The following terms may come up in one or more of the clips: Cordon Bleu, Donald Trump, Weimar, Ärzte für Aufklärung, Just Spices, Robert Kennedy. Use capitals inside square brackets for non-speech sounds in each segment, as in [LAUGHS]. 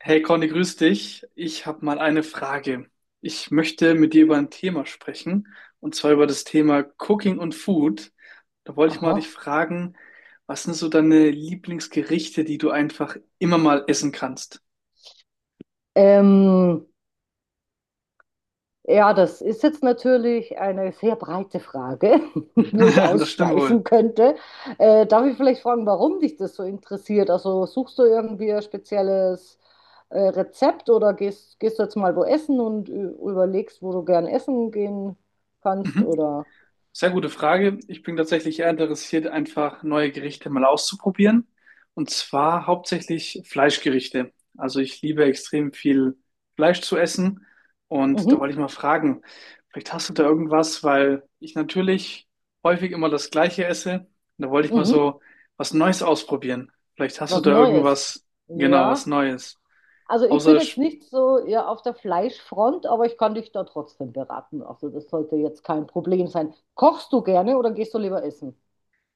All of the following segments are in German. Hey Conny, grüß dich. Ich habe mal eine Frage. Ich möchte mit dir über ein Thema sprechen, und zwar über das Thema Cooking und Food. Da wollte ich mal dich Aha. fragen, was sind so deine Lieblingsgerichte, die du einfach immer mal essen kannst? Ähm, ja, das ist jetzt natürlich eine sehr breite Frage, [LAUGHS] wo ich [LAUGHS] Das stimmt wohl. ausschweifen könnte. Darf ich vielleicht fragen, warum dich das so interessiert? Also suchst du irgendwie ein spezielles Rezept oder gehst du jetzt mal wo essen und überlegst, wo du gern essen gehen kannst Mhm. oder? Sehr gute Frage. Ich bin tatsächlich eher interessiert, einfach neue Gerichte mal auszuprobieren. Und zwar hauptsächlich Fleischgerichte. Also ich liebe extrem viel Fleisch zu essen. Und da wollte Mhm. ich mal fragen, vielleicht hast du da irgendwas, weil ich natürlich häufig immer das Gleiche esse. Und da wollte ich mal Mhm. so was Neues ausprobieren. Vielleicht hast du Was da Neues? irgendwas, genau, was Ja. Neues. Also ich bin Außer jetzt ich, nicht so, ja, auf der Fleischfront, aber ich kann dich da trotzdem beraten. Also das sollte jetzt kein Problem sein. Kochst du gerne oder gehst du lieber essen?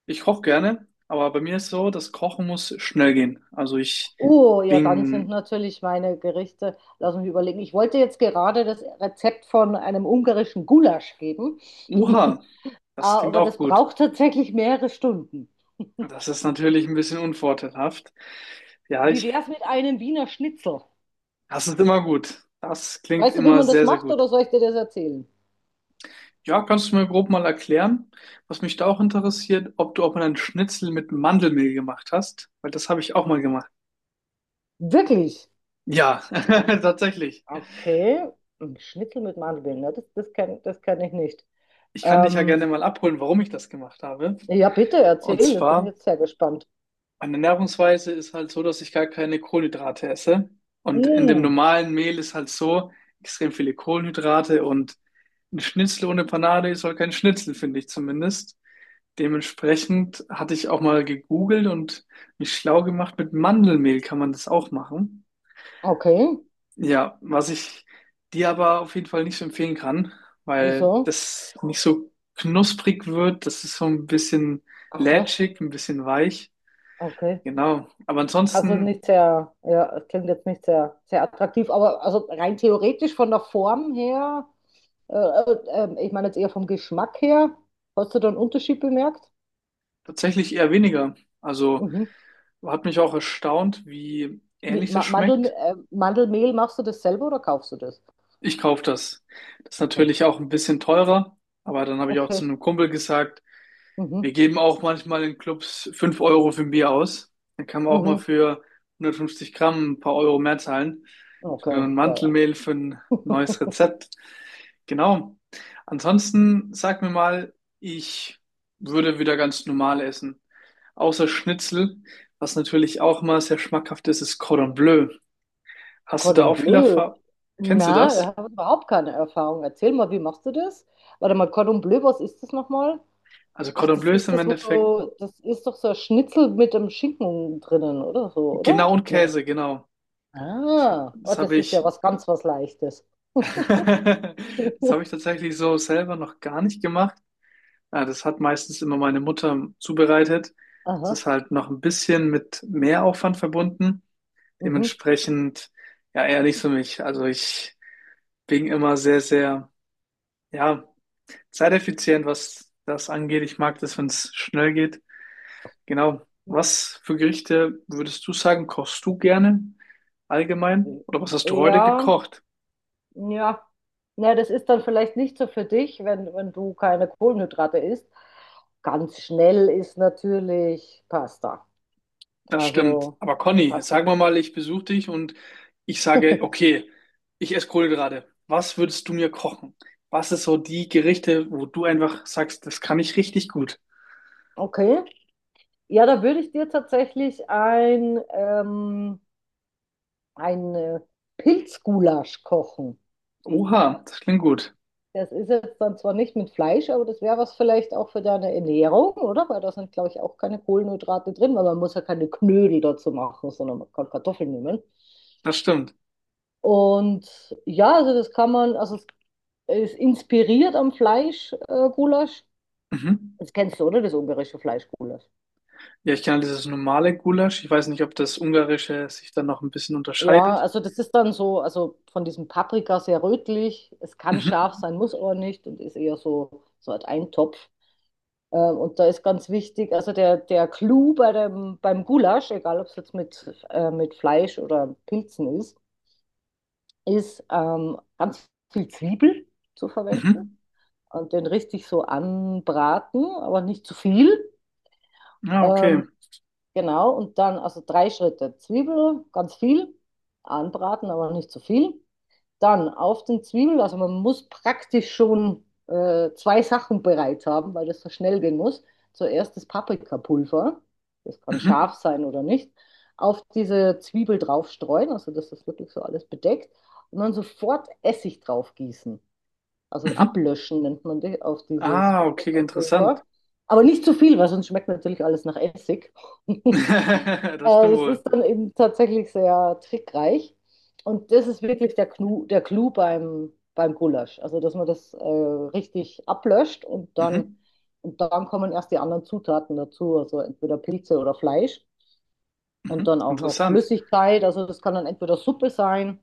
ich koche gerne, aber bei mir ist so, das Kochen muss schnell gehen. Also ich Oh, ja, dann sind bin. natürlich meine Gerichte, lass mich überlegen. Ich wollte jetzt gerade das Rezept von einem ungarischen Gulasch geben, [LAUGHS] Uha, das klingt aber auch das gut. braucht tatsächlich mehrere Stunden. Das ist natürlich ein bisschen unvorteilhaft. Ja, Wie ich, wäre es mit einem Wiener Schnitzel? Das ist immer gut. Das klingt Weißt du, wie immer man das sehr, sehr macht gut. oder soll ich dir das erzählen? Ja, kannst du mir grob mal erklären, was mich da auch interessiert, ob du auch mal einen Schnitzel mit Mandelmehl gemacht hast? Weil das habe ich auch mal gemacht. Wirklich? Ja, [LAUGHS] tatsächlich. Okay, ein Schnitzel mit Mandeln, ne? Das kenn ich nicht. Ich kann dich ja gerne Ähm, mal abholen, warum ich das gemacht habe. ja, bitte Und erzähl, ich bin zwar jetzt sehr gespannt. meine Ernährungsweise ist halt so, dass ich gar keine Kohlenhydrate esse. Und in dem Hm, normalen Mehl ist halt so extrem viele Kohlenhydrate und ein Schnitzel ohne Panade ist halt kein Schnitzel, finde ich zumindest. Dementsprechend hatte ich auch mal gegoogelt und mich schlau gemacht. Mit Mandelmehl kann man das auch machen. okay, Ja, was ich dir aber auf jeden Fall nicht so empfehlen kann, weil wieso? das nicht so knusprig wird. Das ist so ein bisschen Aha, lätschig, ein bisschen weich. okay. Genau. Aber Also ansonsten nicht sehr, ja, es klingt jetzt nicht sehr, sehr attraktiv, aber also rein theoretisch von der Form her, äh, äh, ich meine jetzt eher vom Geschmack her, hast du da einen Unterschied bemerkt? tatsächlich eher weniger. Also Mhm. hat mich auch erstaunt, wie Wie, ähnlich das Ma Mandel schmeckt. Mandelmehl, machst du das selber oder kaufst du das? Ich kaufe das. Das ist Okay, natürlich auch ein bisschen teurer, aber dann habe ich auch zu okay, einem Kumpel gesagt, mhm, wir geben auch manchmal in Clubs 5 € für ein Bier aus. Dann kann man auch mal mhm, für 150 Gramm ein paar Euro mehr zahlen. Für okay, ein ja, ja. Mantelmehl, für ein [LAUGHS] neues Rezept. Genau. Ansonsten sag mir mal, ich würde wieder ganz normal essen. Außer Schnitzel, was natürlich auch mal sehr schmackhaft ist, ist Cordon Bleu. Hast du da Cordon auch viel Bleu? Erfahrung? Kennst du Na, ich das? habe überhaupt keine Erfahrung. Erzähl mal, wie machst du das? Warte mal, Cordon Bleu, was ist das nochmal? Also Ach, Cordon das Bleu ist ist im das, wo Endeffekt du, das ist doch so ein Schnitzel mit dem Schinken drinnen, oder so, oder? genau und Nee. Käse, genau. Ah, oh, Das habe das ist ja was ganz was Leichtes. [LAUGHS] das habe ich tatsächlich so selber noch gar nicht gemacht. Ja, das hat meistens immer meine Mutter zubereitet. Das Aha. ist halt noch ein bisschen mit Mehraufwand verbunden. Mhm. Dementsprechend, ja, eher nicht für mich. Also ich bin immer sehr, sehr, ja, zeiteffizient, was das angeht. Ich mag das, wenn es schnell geht. Genau. Was für Gerichte würdest du sagen, kochst du gerne allgemein? Mhm. Oder was hast du heute Ja, gekocht? ja. Na, das ist dann vielleicht nicht so für dich, wenn du keine Kohlenhydrate isst. Ganz schnell ist natürlich Pasta. Das stimmt. Also Aber Conny, jetzt Pasta sagen wir mal, ich besuche dich und ich sage, okay, ich esse Kohlenhydrate. Was würdest du mir kochen? Was ist so die Gerichte, wo du einfach sagst, das kann ich richtig gut? Okay. Ja, da würde ich dir tatsächlich ein Pilzgulasch kochen. Oha, das klingt gut. Das ist jetzt dann zwar nicht mit Fleisch, aber das wäre was vielleicht auch für deine Ernährung, oder? Weil da sind, glaube ich, auch keine Kohlenhydrate drin, weil man muss ja keine Knödel dazu machen, sondern man kann Kartoffeln nehmen. Das stimmt. Und ja, also das kann man, also es ist inspiriert am Fleischgulasch. Gulasch. Mhm. Das kennst du, oder? Das ungarische Fleischgulasch. Ja, ich kenne dieses normale Gulasch. Ich weiß nicht, ob das ungarische sich dann noch ein bisschen Ja, unterscheidet. also das ist dann so, also von diesem Paprika sehr rötlich. Es kann Mhm. scharf sein, muss aber nicht und ist eher so halt ein Topf. Und da ist ganz wichtig, also der Clou beim Gulasch, egal ob es jetzt mit Fleisch oder Pilzen ist, ist ganz viel Zwiebel zu verwenden Mhm. und den richtig so anbraten, aber nicht zu viel. Ah, okay. Ähm, genau, und dann also drei Schritte Zwiebel, ganz viel, anbraten, aber nicht zu viel. Dann auf den Zwiebel, also man muss praktisch schon zwei Sachen bereit haben, weil das so schnell gehen muss. Zuerst das Paprikapulver, das kann Mhm. scharf sein oder nicht, auf diese Zwiebel draufstreuen, also dass das wirklich so alles bedeckt, und dann sofort Essig draufgießen, also Mhm. ablöschen nennt man die, auf dieses Ah, okay, interessant. Paprikapulver. Aber nicht zu viel, weil sonst schmeckt natürlich alles nach Essig. [LAUGHS] [LAUGHS] Das stimmt Das wohl. ist dann eben tatsächlich sehr trickreich. Und das ist wirklich der Clou beim Gulasch. Also, dass man das richtig ablöscht, und dann, Mhm. und dann kommen erst die anderen Zutaten dazu, also entweder Pilze oder Fleisch und Mhm. dann auch noch Interessant. Flüssigkeit. Also, das kann dann entweder Suppe sein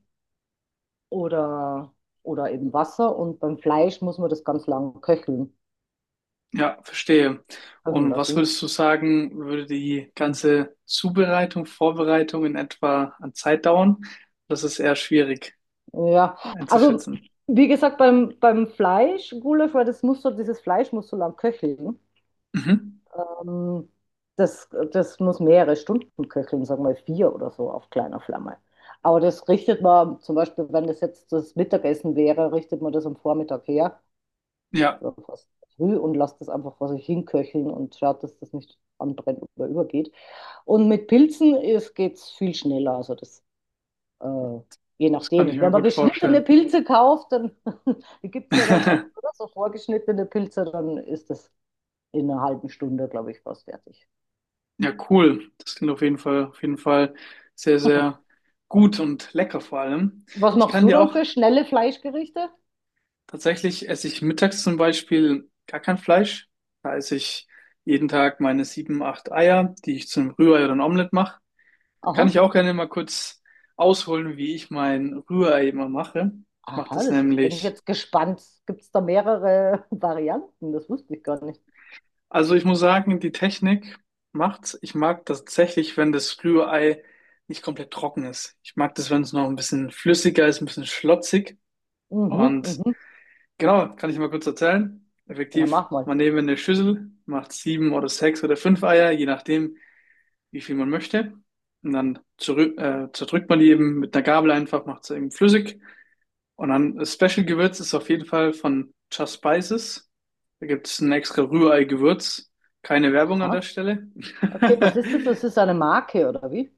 oder, oder eben Wasser. Und beim Fleisch muss man das ganz lang Ja, verstehe. köcheln Und was lassen. würdest du sagen, würde die ganze Zubereitung, Vorbereitung in etwa an Zeit dauern? Das ist eher schwierig Ja, also einzuschätzen. wie gesagt, beim Fleisch, Gulasch, weil dieses Fleisch muss so lang köcheln. Mhm. Ähm, das muss mehrere Stunden köcheln, sagen wir vier oder so auf kleiner Flamme. Aber das richtet man zum Beispiel, wenn das jetzt das Mittagessen wäre, richtet man das am Vormittag her Ja, oder fast früh und lasst das einfach vor sich hinköcheln und schaut, dass das nicht anbrennt oder übergeht. Und mit Pilzen geht es viel schneller. Also das, äh, je das kann ich nachdem. mir Wenn man gut geschnittene vorstellen. Pilze kauft, dann [LAUGHS] die gibt es ja dann auch, [LAUGHS] oder? So vorgeschnittene Pilze, dann ist das in einer halben Stunde, glaube ich, fast fertig. Ja, cool. Das klingt auf jeden Fall sehr, sehr [LAUGHS] gut und lecker vor allem. Was Ich machst kann du dir dann auch für schnelle Fleischgerichte? tatsächlich esse ich mittags zum Beispiel gar kein Fleisch. Da esse ich jeden Tag meine sieben, acht Eier, die ich zum Rührei oder ein Omelett mache. Da kann ich Aha. auch gerne mal kurz ausholen, wie ich mein Rührei immer mache. Ich mache Aha, das bin ich nämlich, jetzt gespannt. Gibt es da mehrere [LAUGHS] Varianten? Das wusste ich gar nicht. also ich muss sagen, die Technik macht's. Ich mag das tatsächlich, wenn das Rührei nicht komplett trocken ist. Ich mag das, wenn es noch ein bisschen flüssiger ist, ein bisschen schlotzig. Mhm, Und mhm. genau, kann ich mal kurz erzählen. Ja, Effektiv, mach mal. man nehme eine Schüssel, macht sieben oder sechs oder fünf Eier, je nachdem, wie viel man möchte. Und dann zerdrückt man die eben mit einer Gabel einfach, macht sie eben flüssig. Und dann das Special-Gewürz ist auf jeden Fall von Just Spices. Da gibt es ein extra Rührei-Gewürz. Keine Werbung an der Aha. Stelle. Okay, was ist das? Das [LAUGHS] ist eine Marke, oder wie?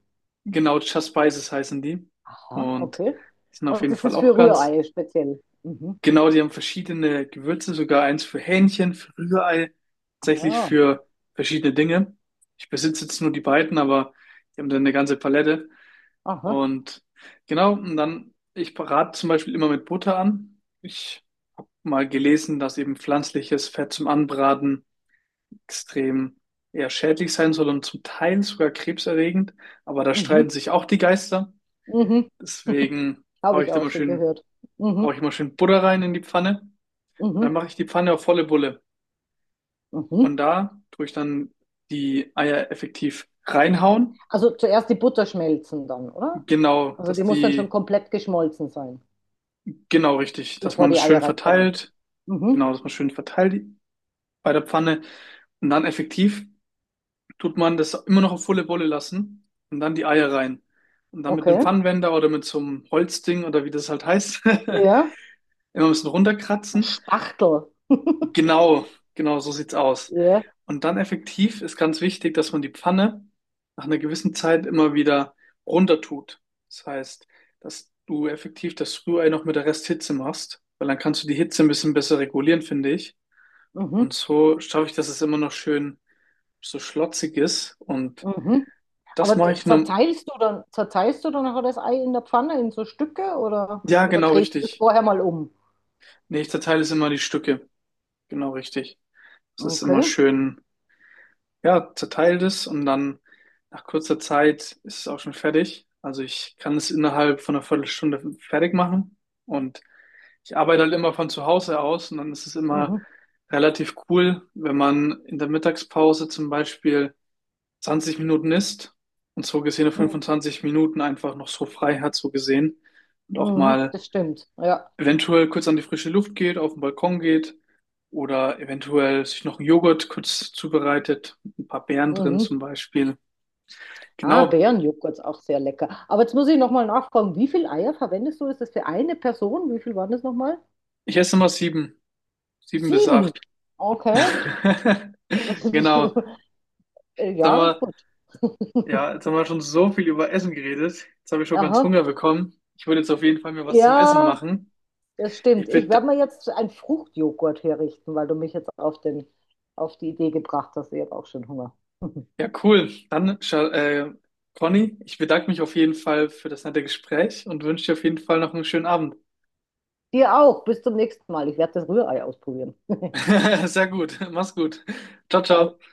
Genau, Just Spices heißen die. Aha, Und okay. die sind auf Und jeden das Fall ist auch für ganz Rührei speziell. Mhm. genau, die haben verschiedene Gewürze, sogar eins für Hähnchen, für Rührei, tatsächlich Ah, für verschiedene Dinge. Ich besitze jetzt nur die beiden, aber die haben dann eine ganze Palette. aha. Und genau, und dann, ich rate zum Beispiel immer mit Butter an. Ich habe mal gelesen, dass eben pflanzliches Fett zum Anbraten extrem eher schädlich sein soll und zum Teil sogar krebserregend. Aber da streiten Mhm. sich auch die Geister. Mhm. [LAUGHS] Deswegen hau Habe ich ich da auch mal schon schön, gehört. hau ich Mhm. immer schön Butter rein in die Pfanne. Und dann Mhm. mache ich die Pfanne auf volle Bulle. Und Mhm. da tue ich dann die Eier effektiv reinhauen. Also zuerst die Butter schmelzen dann, oder? Genau, Also dass die muss dann schon die, komplett geschmolzen sein, genau richtig, dass bevor man das die schön Eier reinkommen. verteilt. Mhm. Genau, dass man schön verteilt bei der Pfanne. Und dann effektiv tut man das immer noch auf volle Bulle lassen und dann die Eier rein. Und dann mit einem Okay. Pfannenwender oder mit so einem Holzding oder wie das halt heißt, [LAUGHS] immer Ja. ein bisschen runterkratzen. Spachtel. [LAUGHS] Genau, genau, so sieht's aus. Ja. Und dann effektiv ist ganz wichtig, dass man die Pfanne nach einer gewissen Zeit immer wieder runter tut. Das heißt, dass du effektiv das Rührei noch mit der Resthitze machst, weil dann kannst du die Hitze ein bisschen besser regulieren, finde ich. Und Mhm. so schaffe ich, dass es immer noch schön so schlotzig ist. Und Mhm. das Aber mache ich nur, zerteilst du dann nachher das Ei in der Pfanne in so Stücke, oder, ja, oder genau drehst du das richtig. vorher mal um? Nee, ich zerteile es immer in die Stücke. Genau richtig. Das ist immer Okay. schön. Ja, zerteilt es und dann nach kurzer Zeit ist es auch schon fertig. Also ich kann es innerhalb von einer Viertelstunde fertig machen und ich arbeite halt immer von zu Hause aus und dann ist es immer Mhm. relativ cool, wenn man in der Mittagspause zum Beispiel 20 Minuten isst und so gesehen Mhm. 25 Minuten einfach noch so frei hat, so gesehen und auch Mhm. mal Das stimmt. Ja. eventuell kurz an die frische Luft geht, auf den Balkon geht oder eventuell sich noch einen Joghurt kurz zubereitet, mit ein paar Beeren drin Mhm. zum Beispiel. Ah, Genau, Bärenjoghurt ist auch sehr lecker. Aber jetzt muss ich nochmal nachfragen, wie viele Eier verwendest du? Ist das für eine Person? Wie viel waren das nochmal? ich esse immer sieben bis Sieben. acht. Okay. [LAUGHS] Genau, [LAUGHS] jetzt haben Ja, gut. ja, [LAUGHS] jetzt haben wir schon so viel über Essen geredet. Jetzt habe ich schon ganz Aha. Hunger bekommen. Ich würde jetzt auf jeden Fall mir was zum Essen Ja, machen. das stimmt. Ich Ich werde bedanke, mir jetzt ein Fruchtjoghurt herrichten, weil du mich jetzt auf den, auf die Idee gebracht hast. Ich habe auch schon Hunger. [LAUGHS] ja, cool. Dann, Conny, ich bedanke mich auf jeden Fall für das nette Gespräch und wünsche dir auf jeden Fall noch einen schönen Abend. Dir auch. Bis zum nächsten Mal. Ich werde das Rührei ausprobieren. [LAUGHS] [LAUGHS] Sehr gut. Mach's gut. Ciao, ciao. Ciao.